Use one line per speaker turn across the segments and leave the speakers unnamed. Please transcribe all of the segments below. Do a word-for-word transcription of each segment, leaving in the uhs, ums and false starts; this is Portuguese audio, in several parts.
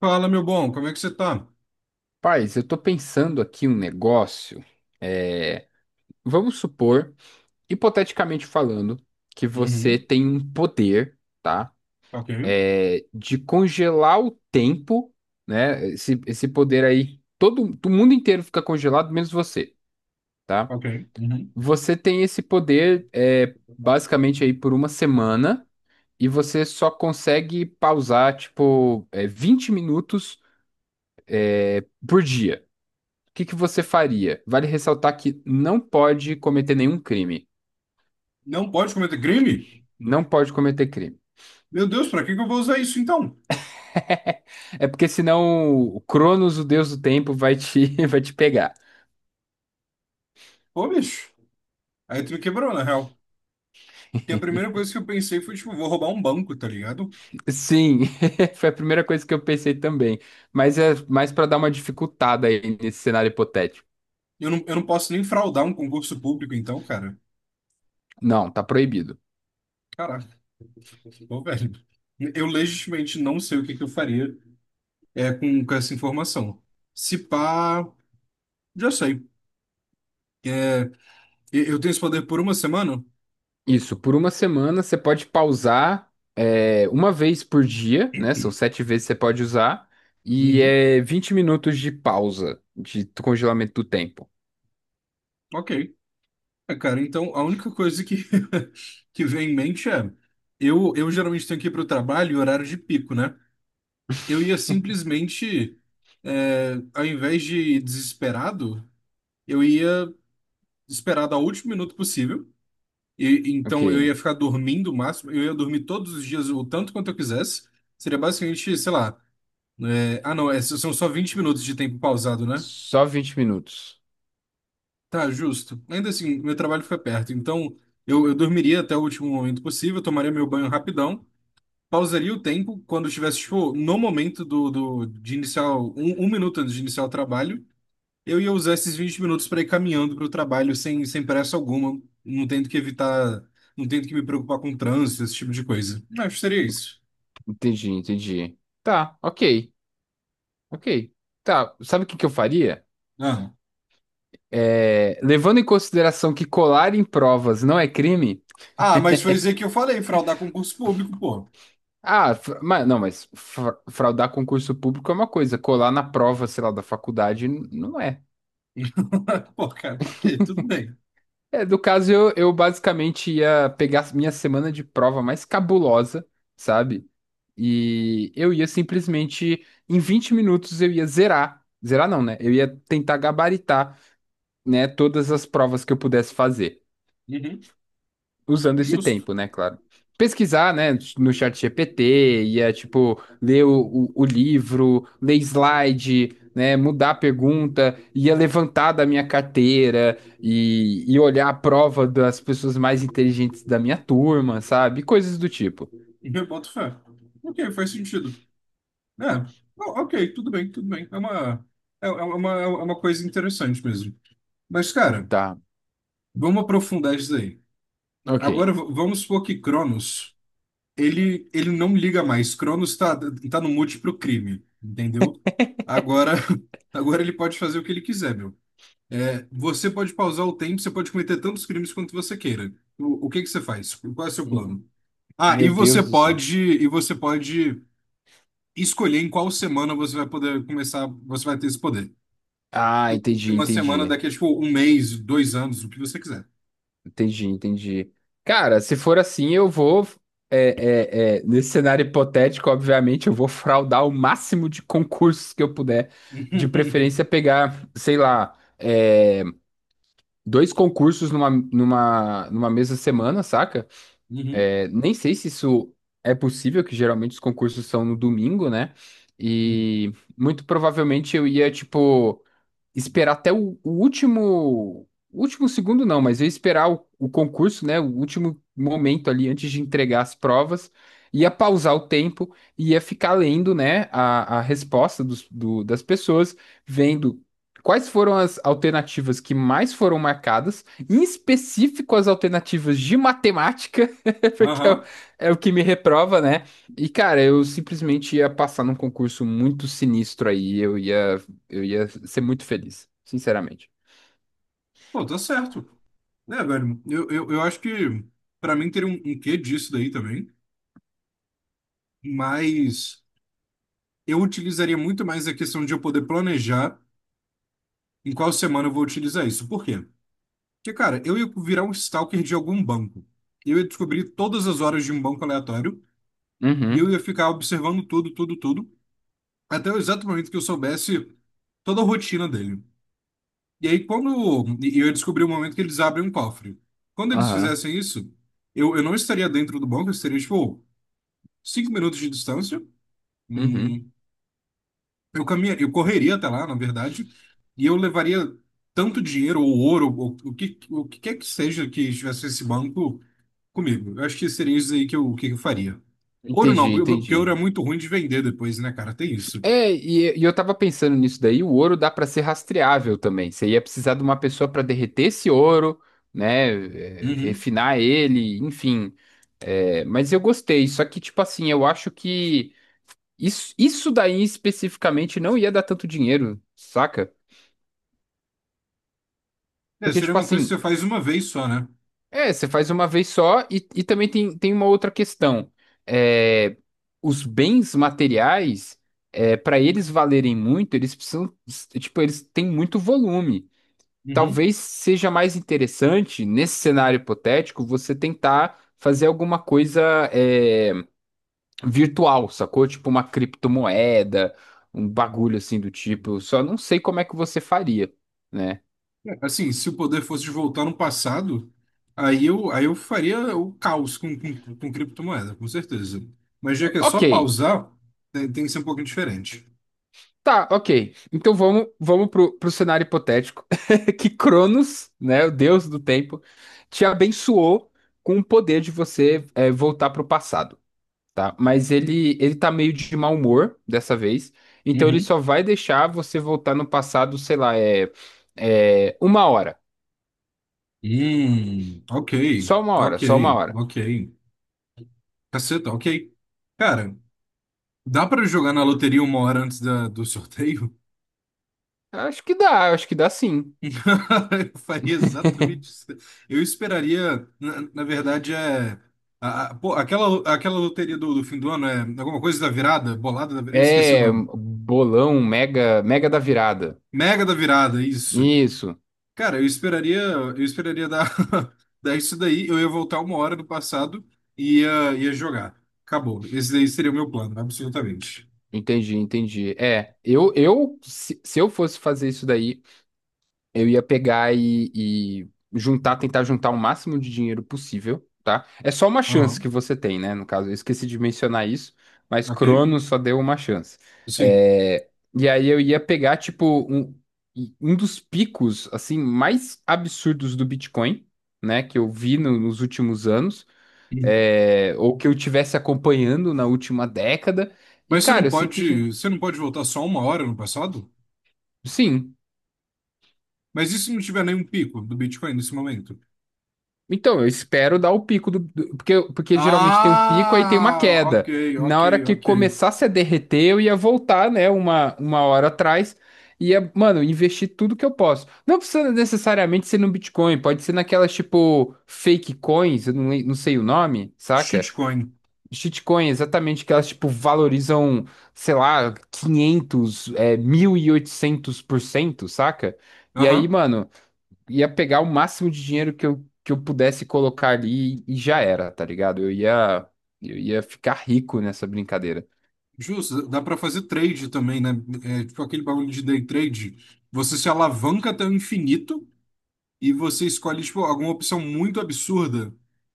Fala, meu bom, como é que você tá?
Paz, eu tô pensando aqui um negócio. É, vamos supor, hipoteticamente falando, que você
Uhum.
tem um poder, tá?
Ok,
É, de congelar o tempo, né? Esse, esse poder aí, todo o mundo inteiro fica congelado, menos você, tá?
ok. Uhum.
Você tem esse poder, é, basicamente aí por uma semana e você só consegue pausar, tipo, é, vinte minutos por dia. O que que você faria? Vale ressaltar que não pode cometer nenhum crime.
Não pode cometer crime?
Não pode cometer crime.
Meu Deus, pra que que eu vou usar isso então?
É porque senão o Cronos, o deus do tempo, vai te, vai te pegar.
Pô, bicho. Aí tu me quebrou, na real. Porque a primeira coisa que eu pensei foi, tipo, vou roubar um banco, tá ligado?
Sim, foi a primeira coisa que eu pensei também. Mas é mais para dar uma dificultada aí nesse cenário hipotético.
Eu não, eu não posso nem fraudar um concurso público, então, cara.
Não, tá proibido.
Caraca, pô, velho. Eu legitimamente não sei o que que eu faria é, com, com essa informação. Se pá, já sei. É, eu eu tenho esse poder por uma semana?
Isso, por uma semana você pode pausar é, uma vez por dia, né? São sete vezes que você pode usar. E
Uhum.
é vinte minutos de pausa, de congelamento do tempo.
Ok. É, cara, então a única coisa que, que vem em mente é, eu, eu geralmente tenho que ir para o trabalho em horário de pico, né? Eu ia simplesmente, é, ao invés de ir desesperado, eu ia esperar dar o último minuto possível. E então eu
Ok.
ia ficar dormindo o máximo, eu ia dormir todos os dias o tanto quanto eu quisesse. Seria basicamente, sei lá, é, ah não, é, são só vinte minutos de tempo pausado, né?
Só vinte minutos.
Tá, justo. Ainda assim, meu trabalho fica perto, então eu, eu dormiria até o último momento possível, tomaria meu banho rapidão, pausaria o tempo quando eu estivesse, tipo, no momento do, do, de iniciar, o- um, um minuto antes de iniciar o trabalho, eu ia usar esses vinte minutos para ir caminhando para o trabalho sem, sem pressa alguma, não tendo que evitar, não tendo que me preocupar com trânsito, esse tipo de coisa. Acho que seria isso.
Entendi, entendi. Tá, ok, ok. Tá, sabe o que que eu faria?
Ah,
É, levando em consideração que colar em provas não é crime.
ah, mas foi dizer que eu falei, fraudar concurso público, pô.
Ah, fra- mas, não, mas fra- fraudar concurso público é uma coisa, colar na prova, sei lá, da faculdade n- não é.
Pô, cara, ok, tudo bem.
É, do caso, eu, eu basicamente ia pegar minha semana de prova mais cabulosa, sabe? E eu ia simplesmente, em vinte minutos, eu ia zerar. Zerar não, né? Eu ia tentar gabaritar, né, todas as provas que eu pudesse fazer,
Uhum,
usando esse
justo.
tempo, né, claro. Pesquisar, né, no chat G P T, ia, tipo, ler o, o, o livro, ler slide, né, mudar a pergunta, ia levantar da minha carteira e, e olhar a prova das pessoas mais inteligentes da minha turma, sabe? Coisas do tipo.
Eu boto fé. Ok, faz sentido. É, o- ok, tudo bem, tudo bem. É uma, é, é uma, é uma coisa interessante mesmo. Mas, cara,
Tá,
vamos aprofundar isso daí.
ok.
Agora, v- vamos supor que Cronos, ele, ele não liga mais. Cronos tá, tá no múltiplo crime, entendeu? Agora, agora ele pode fazer o que ele quiser, meu. É, você pode pausar o tempo, você pode cometer tantos crimes quanto você queira. O, o que que você faz? Qual é o seu
Hum,
plano? Ah, e
Meu
você
Deus do céu.
pode, e você pode escolher em qual semana você vai poder começar, você vai ter esse poder.
Ah, entendi,
Tem uma semana
entendi.
daqui a, tipo, um mês, dois anos, o que você quiser.
Entendi, entendi. Cara, se for assim, eu vou. É, é, é, nesse cenário hipotético, obviamente, eu vou fraudar o máximo de concursos que eu puder. De preferência, pegar, sei lá, é, dois concursos numa, numa, numa mesma semana, saca?
Uhum.
É, nem sei se isso é possível, que geralmente os concursos são no domingo, né? E muito provavelmente eu ia, tipo, esperar até o, o último, o último segundo não, mas eu ia esperar o, o concurso, né, o último momento ali antes de entregar as provas, ia pausar o tempo, ia ficar lendo, né, a, a resposta dos, do- das pessoas, vendo quais foram as alternativas que mais foram marcadas, em específico as alternativas de matemática, porque é o,
Aham.
é o que me reprova, né? E, cara, eu simplesmente ia passar num concurso muito sinistro aí, eu ia eu ia ser muito feliz, sinceramente.
Pô, tá certo. É, velho, eu, eu, eu acho que pra mim teria um, um quê disso daí também, mas eu utilizaria muito mais a questão de eu poder planejar em qual semana eu vou utilizar isso. Por quê? Porque, cara, eu ia virar um stalker de algum banco. Eu ia descobrir todas as horas de um banco aleatório e eu
Uhum,
ia ficar observando tudo, tudo, tudo. Até o exato momento que eu soubesse toda a rotina dele. E aí, quando e eu descobri o momento que eles abrem um cofre. Quando eles
aham,
fizessem isso, eu, eu não estaria dentro do banco, eu estaria, tipo, cinco minutos de distância.
uhum.
Hum, eu caminharia, eu correria até lá, na verdade, e eu levaria tanto dinheiro ou ouro, ou, o que, o que quer que seja que estivesse nesse banco comigo. Eu acho que seria isso aí que eu, que eu faria. Ouro não,
Entendi,
porque porque ouro é
entendi.
muito ruim de vender depois, né, cara? Tem isso.
É, e, e eu tava pensando nisso daí, o ouro dá pra ser rastreável também. Você ia precisar de uma pessoa pra derreter esse ouro, né, é,
Uhum.
refinar ele, enfim. É, mas eu gostei, só que tipo assim, eu acho que isso, isso daí especificamente não ia dar tanto dinheiro, saca?
É,
Porque
seria
tipo
uma coisa que
assim,
você faz uma vez só, né?
é, você faz uma vez só e, e também tem, tem uma outra questão. É, os bens materiais, é, para eles valerem muito, eles precisam, tipo, eles têm muito volume.
Uhum.
Talvez seja mais interessante, nesse cenário hipotético, você tentar fazer alguma coisa, é, virtual, sacou? Tipo uma criptomoeda, um bagulho assim do tipo. Só não sei como é que você faria, né?
É, Assim, se o poder fosse de voltar no passado, aí eu, aí eu faria o caos com, com, com criptomoeda, com certeza. Mas já que é só
Ok.
pausar, tem, tem que ser um pouquinho diferente.
Tá, ok. Então vamos, vamos pro, pro cenário hipotético que Cronos, né, o deus do tempo, te abençoou com o poder de você, é, voltar pro passado, tá? Mas ele ele tá meio de mau humor dessa vez, então ele
Uhum.
só vai deixar você voltar no passado, sei lá, é, é uma hora,
Hum, ok,
só uma hora,
ok,
só uma hora.
ok. Caceta, ok. Cara, dá pra jogar na loteria uma hora antes da, do sorteio?
Acho que dá, acho que dá sim.
Eu faria exatamente isso. Eu esperaria, na, na verdade, é. A- a- pô, aquela, aquela loteria do, do fim do ano é alguma coisa da virada, bolada da virada, eu esqueci o
É um
nome.
bolão, mega, Mega da Virada.
Mega da Virada, isso.
Isso.
Cara, eu esperaria, eu esperaria dar, dar isso daí, eu ia voltar uma hora do passado e ia, ia jogar. Acabou. Esse daí seria o meu plano, absolutamente.
Entendi, entendi. É, eu, eu se, se eu fosse fazer isso daí, eu ia pegar e, e juntar, tentar juntar o máximo de dinheiro possível, tá? É só uma chance
Aham,
que você tem, né? No caso, eu esqueci de mencionar isso, mas
ok.
Cronos só deu uma chance.
Sim.
É, e aí eu ia pegar, tipo, um, um dos picos, assim, mais absurdos do Bitcoin, né? Que eu vi no- nos últimos anos, é, ou que eu tivesse acompanhando na última década. E,
Mas você
cara,
não
eu simplesmente.
pode, você não pode voltar só uma hora no passado?
Sim.
Mas e se não tiver nenhum pico do Bitcoin nesse momento?
Então, eu espero dar o pico do, do-, porque, porque geralmente tem um pico, aí tem uma
Ah, ok,
queda. Na
ok,
hora que
ok.
começasse a derreter, eu ia voltar, né, uma, uma hora atrás, ia, mano, investir tudo que eu posso. Não precisa necessariamente ser no Bitcoin, pode ser naquelas, tipo, fake coins, eu não, le- não sei o nome, saca?
Shitcoin.
Shitcoin, exatamente, que elas, tipo, valorizam, sei lá, quinhentos, é, mil e oitocentos por cento, saca? E aí,
Aham.
mano, ia pegar o máximo de dinheiro que eu, que eu pudesse colocar ali e já era, tá ligado? Eu ia, eu ia ficar rico nessa brincadeira.
Justo, dá pra fazer trade também, né? É, tipo aquele bagulho de day trade. Você se alavanca até o infinito e você escolhe, tipo, alguma opção muito absurda,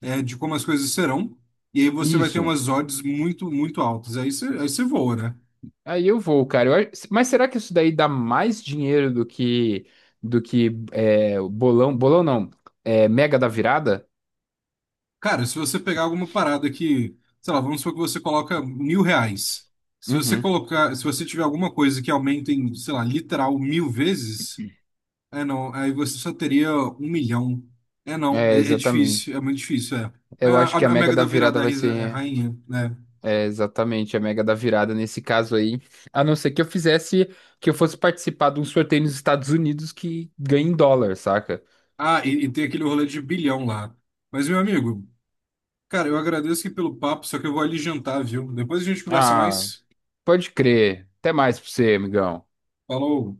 é, de como as coisas serão. E aí você vai ter
Isso.
umas odds muito, muito altas. Aí você, aí você voa, né?
Aí eu vou, cara. Eu acho, mas será que isso daí dá mais dinheiro do que do que é, o bolão? Bolão não. É, Mega da Virada?
Cara, se você pegar alguma parada que, sei lá, vamos supor que você coloca mil reais. Se você
Uhum.
colocar, se você tiver alguma coisa que aumente em, sei lá, literal mil vezes, é não, aí você só teria um milhão. É não,
É,
é, é
exatamente.
difícil, é muito difícil, é. É,
Eu
a,
acho que a
a
Mega
Mega
da
da Virada
Virada
é a
vai
risa- é a
ser.
rainha, né?
É, exatamente, a Mega da Virada nesse caso aí. A não ser que eu fizesse, que eu fosse participar de um sorteio nos Estados Unidos que ganha em dólar, saca?
Ah, e, e tem aquele rolê de bilhão lá. Mas, meu amigo, cara, eu agradeço aqui pelo papo, só que eu vou ali jantar, viu? Depois a gente conversa
Ah,
mais.
pode crer. Até mais pra você, amigão.
Falou!